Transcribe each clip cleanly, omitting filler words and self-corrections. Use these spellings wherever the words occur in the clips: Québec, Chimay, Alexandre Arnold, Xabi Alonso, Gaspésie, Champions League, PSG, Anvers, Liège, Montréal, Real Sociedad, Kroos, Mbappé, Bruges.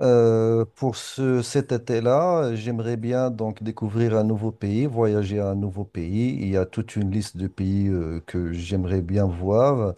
Pour cet été-là, j'aimerais bien donc découvrir un nouveau pays, voyager à un nouveau pays. Il y a toute une liste de pays que j'aimerais bien voir.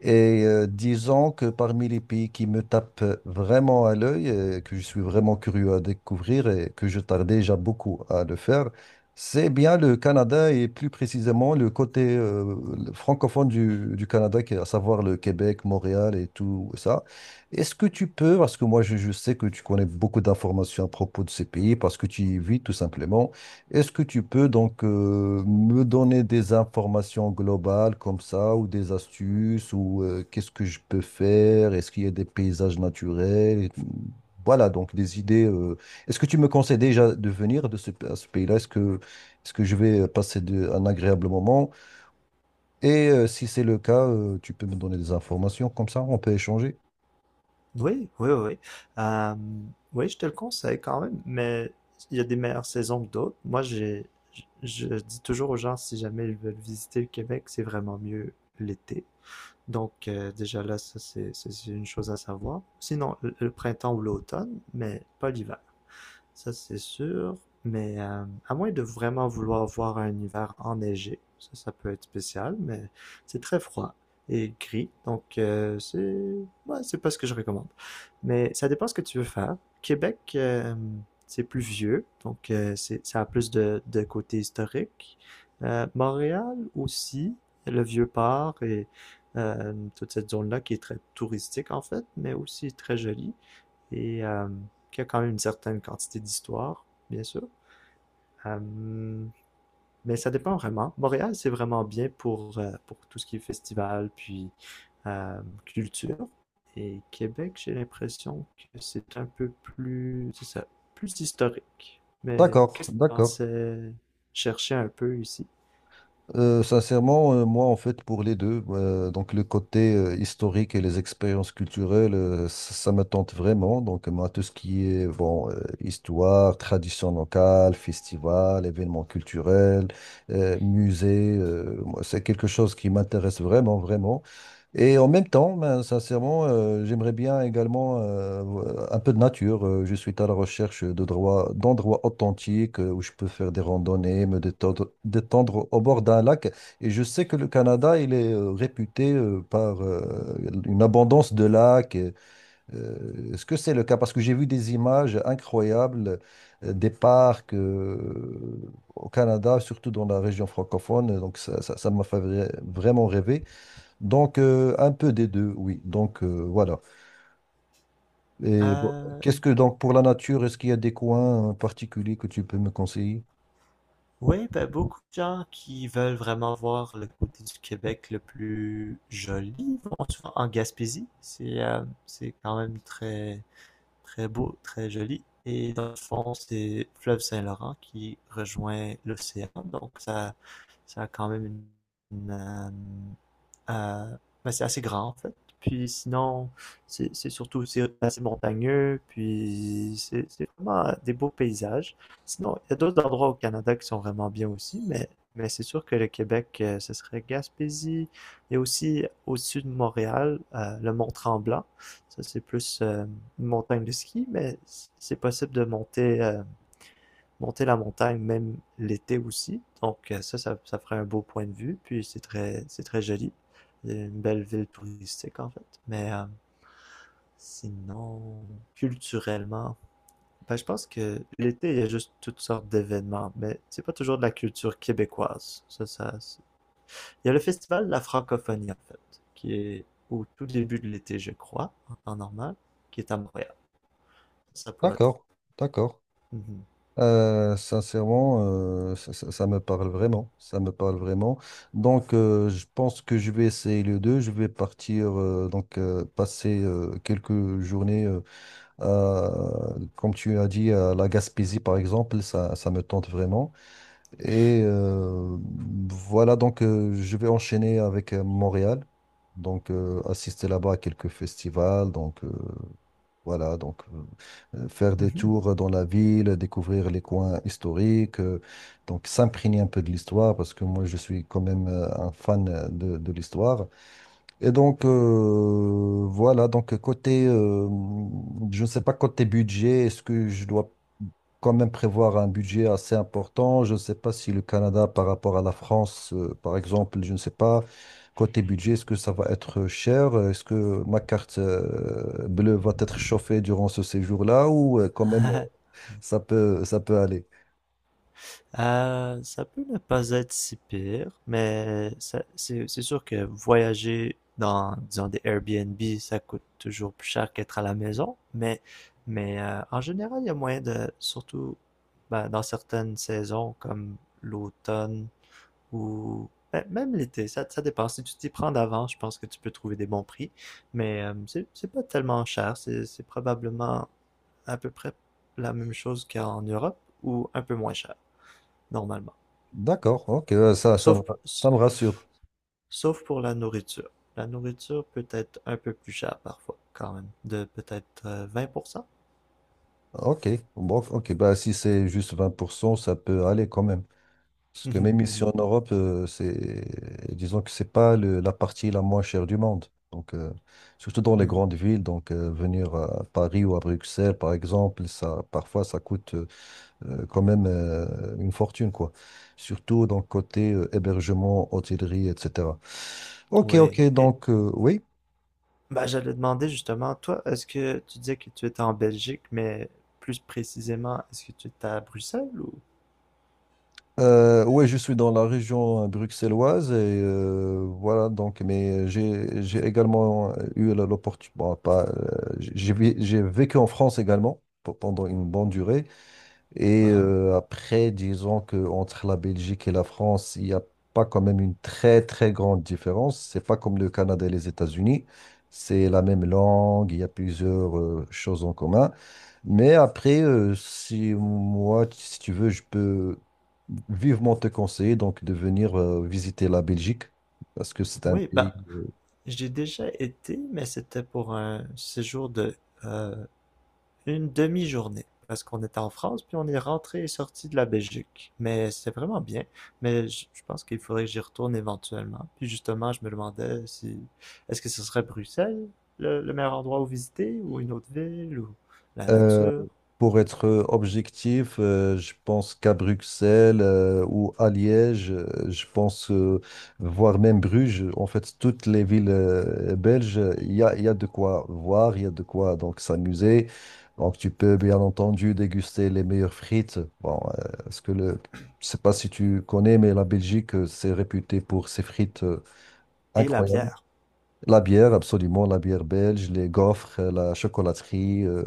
Et disons que parmi les pays qui me tapent vraiment à l'œil, que je suis vraiment curieux à découvrir et que je tarde déjà beaucoup à le faire, c'est bien le Canada et plus précisément le côté le francophone du Canada, qui est à savoir le Québec, Montréal et tout ça. Est-ce que tu peux, parce que moi je sais que tu connais beaucoup d'informations à propos de ces pays, parce que tu y vis tout simplement, est-ce que tu peux donc me donner des informations globales comme ça, ou des astuces, ou qu'est-ce que je peux faire? Est-ce qu'il y a des paysages naturels? Et voilà, donc des idées. Est-ce que tu me conseilles déjà de venir à ce pays-là? Est-ce que je vais passer un agréable moment? Et si c'est le cas, tu peux me donner des informations comme ça, on peut échanger. Oui, oui, oui. Euh, oui, je te le conseille quand même, mais il y a des meilleures saisons que d'autres. Je, je dis toujours aux gens, si jamais ils veulent visiter le Québec, c'est vraiment mieux l'été. Donc, déjà là, ça, c'est une chose à savoir. Sinon, le printemps ou l'automne, mais pas l'hiver, ça c'est sûr. Mais à moins de vraiment vouloir voir un hiver enneigé, ça peut être spécial, mais c'est très froid et gris, donc c'est ouais, c'est pas ce que je recommande. Mais ça dépend ce que tu veux faire. Québec, c'est plus vieux, donc c'est ça a plus de côté historique. Montréal aussi, le Vieux-Port et toute cette zone-là qui est très touristique en fait, mais aussi très jolie et qui a quand même une certaine quantité d'histoire, bien sûr. Euh, mais ça dépend vraiment. Montréal, c'est vraiment bien pour tout ce qui est festival, puis culture. Et Québec, j'ai l'impression que c'est un peu plus, c'est ça, plus historique. Mais D'accord, qu'est-ce que tu d'accord. pensais chercher un peu ici? Sincèrement, moi, en fait, pour les deux, donc le côté historique et les expériences culturelles, ça, ça me tente vraiment. Donc, moi, tout ce qui est bon, histoire, tradition locale, festival, événements culturels, musées, moi, c'est quelque chose qui m'intéresse vraiment, vraiment. Et en même temps, ben, sincèrement, j'aimerais bien également un peu de nature. Je suis à la recherche d'endroits authentiques où je peux faire des randonnées, me détendre, détendre au bord d'un lac. Et je sais que le Canada, il est réputé par une abondance de lacs. Et, est-ce que c'est le cas? Parce que j'ai vu des images incroyables des parcs au Canada, surtout dans la région francophone. Donc ça m'a fait vraiment rêver. Donc, un peu des deux, oui. Donc, voilà. Et bon, Euh, qu'est-ce que, donc, pour la nature, est-ce qu'il y a des coins particuliers que tu peux me conseiller? Oui, ben, beaucoup de gens qui veulent vraiment voir le côté du Québec le plus joli vont souvent en Gaspésie. C'est quand même très beau, très joli. Et dans le fond, c'est le fleuve Saint-Laurent qui rejoint l'océan. Donc, ça a quand même une. Une, euh, ben, c'est assez grand, en fait. Puis sinon, c'est assez montagneux. Puis c'est vraiment des beaux paysages. Sinon, il y a d'autres endroits au Canada qui sont vraiment bien aussi. Mais c'est sûr que le Québec, ce serait Gaspésie. Il y a aussi au sud de Montréal, le Mont-Tremblant, ça, c'est plus une montagne de ski, mais c'est possible de monter la montagne même l'été aussi. Donc ça ferait un beau point de vue. Puis c'est très joli. C'est une belle ville touristique en fait. Mais sinon, culturellement, ben, je pense que l'été, il y a juste toutes sortes d'événements, mais c'est pas toujours de la culture québécoise. Il y a le festival de la francophonie en fait, qui est au tout début de l'été, je crois, en temps normal, qui est à Montréal. Ça pourrait... D'accord, d'accord. Mhm. Sincèrement, ça me parle vraiment. Ça me parle vraiment. Donc, je pense que je vais essayer les deux. Je vais partir, donc, passer quelques journées, comme tu as dit, à la Gaspésie, par exemple. Ça me tente vraiment. Et voilà, donc je vais enchaîner avec Montréal. Donc assister là-bas à quelques festivals. Donc voilà, donc faire des Mhm. tours dans la ville, découvrir les coins historiques, donc s'imprégner un peu de l'histoire parce que moi je suis quand même un fan de l'histoire. Et donc voilà, donc je ne sais pas côté budget, est-ce que je dois quand même prévoir un budget assez important. Je ne sais pas si le Canada par rapport à la France, par exemple, je ne sais pas, côté budget, est-ce que ça va être cher? Est-ce que ma carte bleue va être chauffée durant ce séjour-là ou quand même ça peut aller? Ça peut ne pas être si pire, mais c'est sûr que voyager dans, disons, des Airbnb, ça coûte toujours plus cher qu'être à la maison. Mais en général, il y a moyen de, surtout ben, dans certaines saisons comme l'automne, ou ben, même l'été, ça dépend. Si tu t'y prends d'avance, je pense que tu peux trouver des bons prix. Mais c'est pas tellement cher. C'est probablement à peu près la même chose qu'en Europe ou un peu moins cher, normalement. D'accord, ok, Sauf, ça me rassure. sauf pour la nourriture. La nourriture peut être un peu plus chère parfois, quand même, de peut-être 20%. Ok, bon, ok, bah, si c'est juste 20%, ça peut aller quand même. Parce que Mhm, même ici mhm, en Europe, c'est, disons que c'est pas la partie la moins chère du monde. Donc, surtout dans les mhm. grandes villes, donc venir à Paris ou à Bruxelles, par exemple, ça, parfois ça coûte quand même une fortune, quoi. Surtout dans le côté hébergement, hôtellerie, etc. Ok, Oui. ok, Et donc oui. bah, j'allais demander justement, toi, est-ce que tu disais que tu étais en Belgique, mais plus précisément, est-ce que tu étais à Bruxelles ou... Ouais, je suis dans la région bruxelloise et voilà donc. Mais j'ai également eu l'opportunité. Bon, pas. J'ai j'ai vécu en France également pendant une bonne durée. Et Ah, après, disons que entre la Belgique et la France, il n'y a pas quand même une très très grande différence. C'est pas comme le Canada et les États-Unis. C'est la même langue, il y a plusieurs choses en commun. Mais après, si tu veux, je peux vivement te conseiller donc de venir visiter la Belgique parce que c'est un oui, pays. bah, j'ai déjà été, mais c'était pour un séjour de euh, une demi-journée, parce qu'on était en France, puis on est rentré et sorti de la Belgique. Mais c'était vraiment bien, je pense qu'il faudrait que j'y retourne éventuellement. Puis justement, je me demandais si, est-ce que ce serait Bruxelles le meilleur endroit où visiter, ou une autre ville, ou la Euh, nature pour être objectif, je pense qu'à Bruxelles ou à Liège, je pense, voire même Bruges, en fait, toutes les villes belges, il y a de quoi voir, il y a de quoi donc s'amuser. Donc, tu peux bien entendu déguster les meilleures frites. Bon, Je sais pas si tu connais, mais la Belgique, c'est réputé pour ses frites et la incroyables. bière. La bière, absolument, la bière belge, les gaufres, la chocolaterie. euh,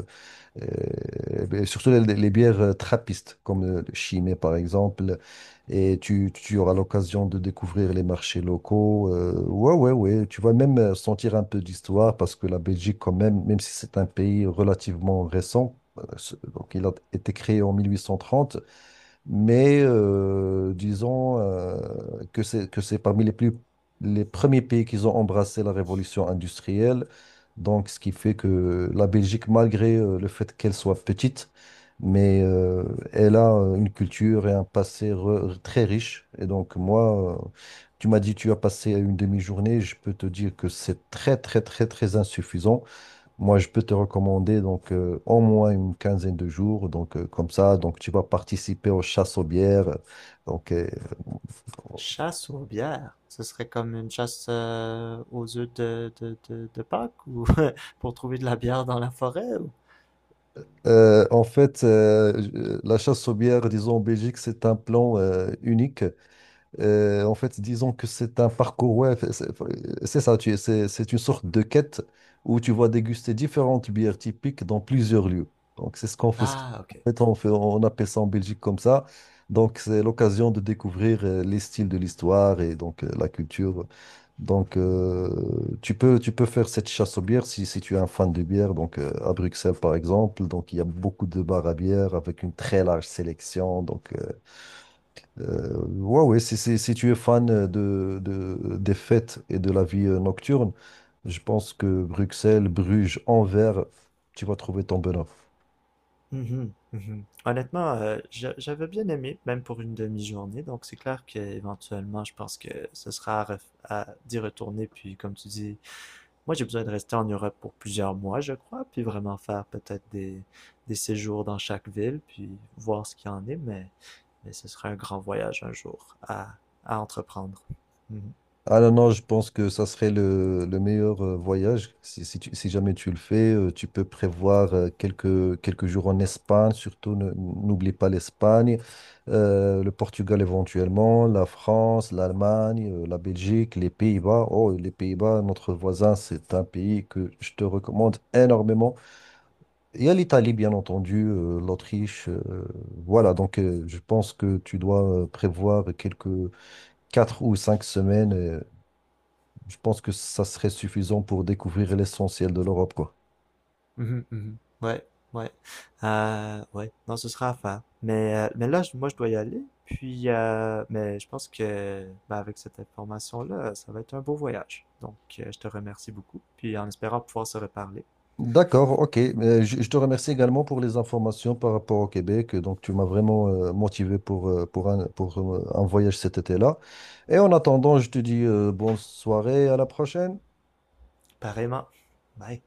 euh, Ben, surtout les bières trappistes, comme le Chimay par exemple. Et tu auras l'occasion de découvrir les marchés locaux. Ouais, ouais, ouais. Tu vas même sentir un peu d'histoire parce que la Belgique, quand même, même si c'est un pays relativement récent, donc il a été créé en 1830, mais disons que c'est parmi les premiers pays qui ont embrassé la révolution industrielle. Donc, ce qui fait que la Belgique, malgré le fait qu'elle soit petite, mais elle a une culture et un passé très riche. Et donc, moi, tu m'as dit tu as passé une demi-journée. Je peux te dire que c'est très, très, très, très insuffisant. Moi, je peux te recommander donc au moins une quinzaine de jours, donc comme ça, donc tu vas participer aux chasses aux bières. Donc, Chasse aux bières, ce serait comme une chasse aux œufs de Pâques ou pour trouver de la bière dans la forêt ou... en fait, la chasse aux bières, disons en Belgique, c'est un plan unique. En fait, disons que c'est un parcours, ouais, c'est ça, c'est une sorte de quête où tu vas déguster différentes bières typiques dans plusieurs lieux. Donc, c'est ce qu'on fait. Ah, En ok. fait, on appelle ça en Belgique comme ça. Donc, c'est l'occasion de découvrir les styles de l'histoire et donc la culture. Donc, tu peux faire cette chasse aux bières si tu es un fan de bière. Donc, à Bruxelles, par exemple, donc il y a beaucoup de bars à bière avec une très large sélection. Donc, ouais, ouais, si tu es fan des fêtes et de la vie nocturne, je pense que Bruxelles, Bruges, Anvers, tu vas trouver ton bonheur. Mhm, mhm. Honnêtement, j'avais bien aimé, même pour une demi-journée, donc c'est clair qu'éventuellement, je pense que ce sera à d'y retourner, puis comme tu dis, moi j'ai besoin de rester en Europe pour plusieurs mois, je crois, puis vraiment faire peut-être des séjours dans chaque ville, puis voir ce qu'il y en est, mais ce serait un grand voyage un à entreprendre. Mhm. Ah non, non, je pense que ça serait le meilleur voyage. Si jamais tu le fais, tu peux prévoir quelques jours en Espagne, surtout n'oublie pas l'Espagne, le Portugal éventuellement, la France, l'Allemagne, la Belgique, les Pays-Bas. Oh, les Pays-Bas, notre voisin, c'est un pays que je te recommande énormément. Il y a l'Italie, bien entendu, l'Autriche. Voilà, donc je pense que tu dois prévoir quelques 4 ou 5 semaines. Je pense que ça serait suffisant pour découvrir l'essentiel de l'Europe, quoi. Mhm, mhm. Ouais, ouais. Ouais, non, ce sera à faire. Mais là, moi, je dois y aller. Mais je pense que ben, avec cette information-là, ça va être un beau voyage. Donc, je te remercie beaucoup. Puis, en espérant pouvoir se reparler. D'accord, ok. Je te remercie également pour les informations par rapport au Québec. Donc, tu m'as vraiment motivé pour un voyage cet été-là. Et en attendant, je te dis bonne soirée, à la prochaine. Pareillement. Bye.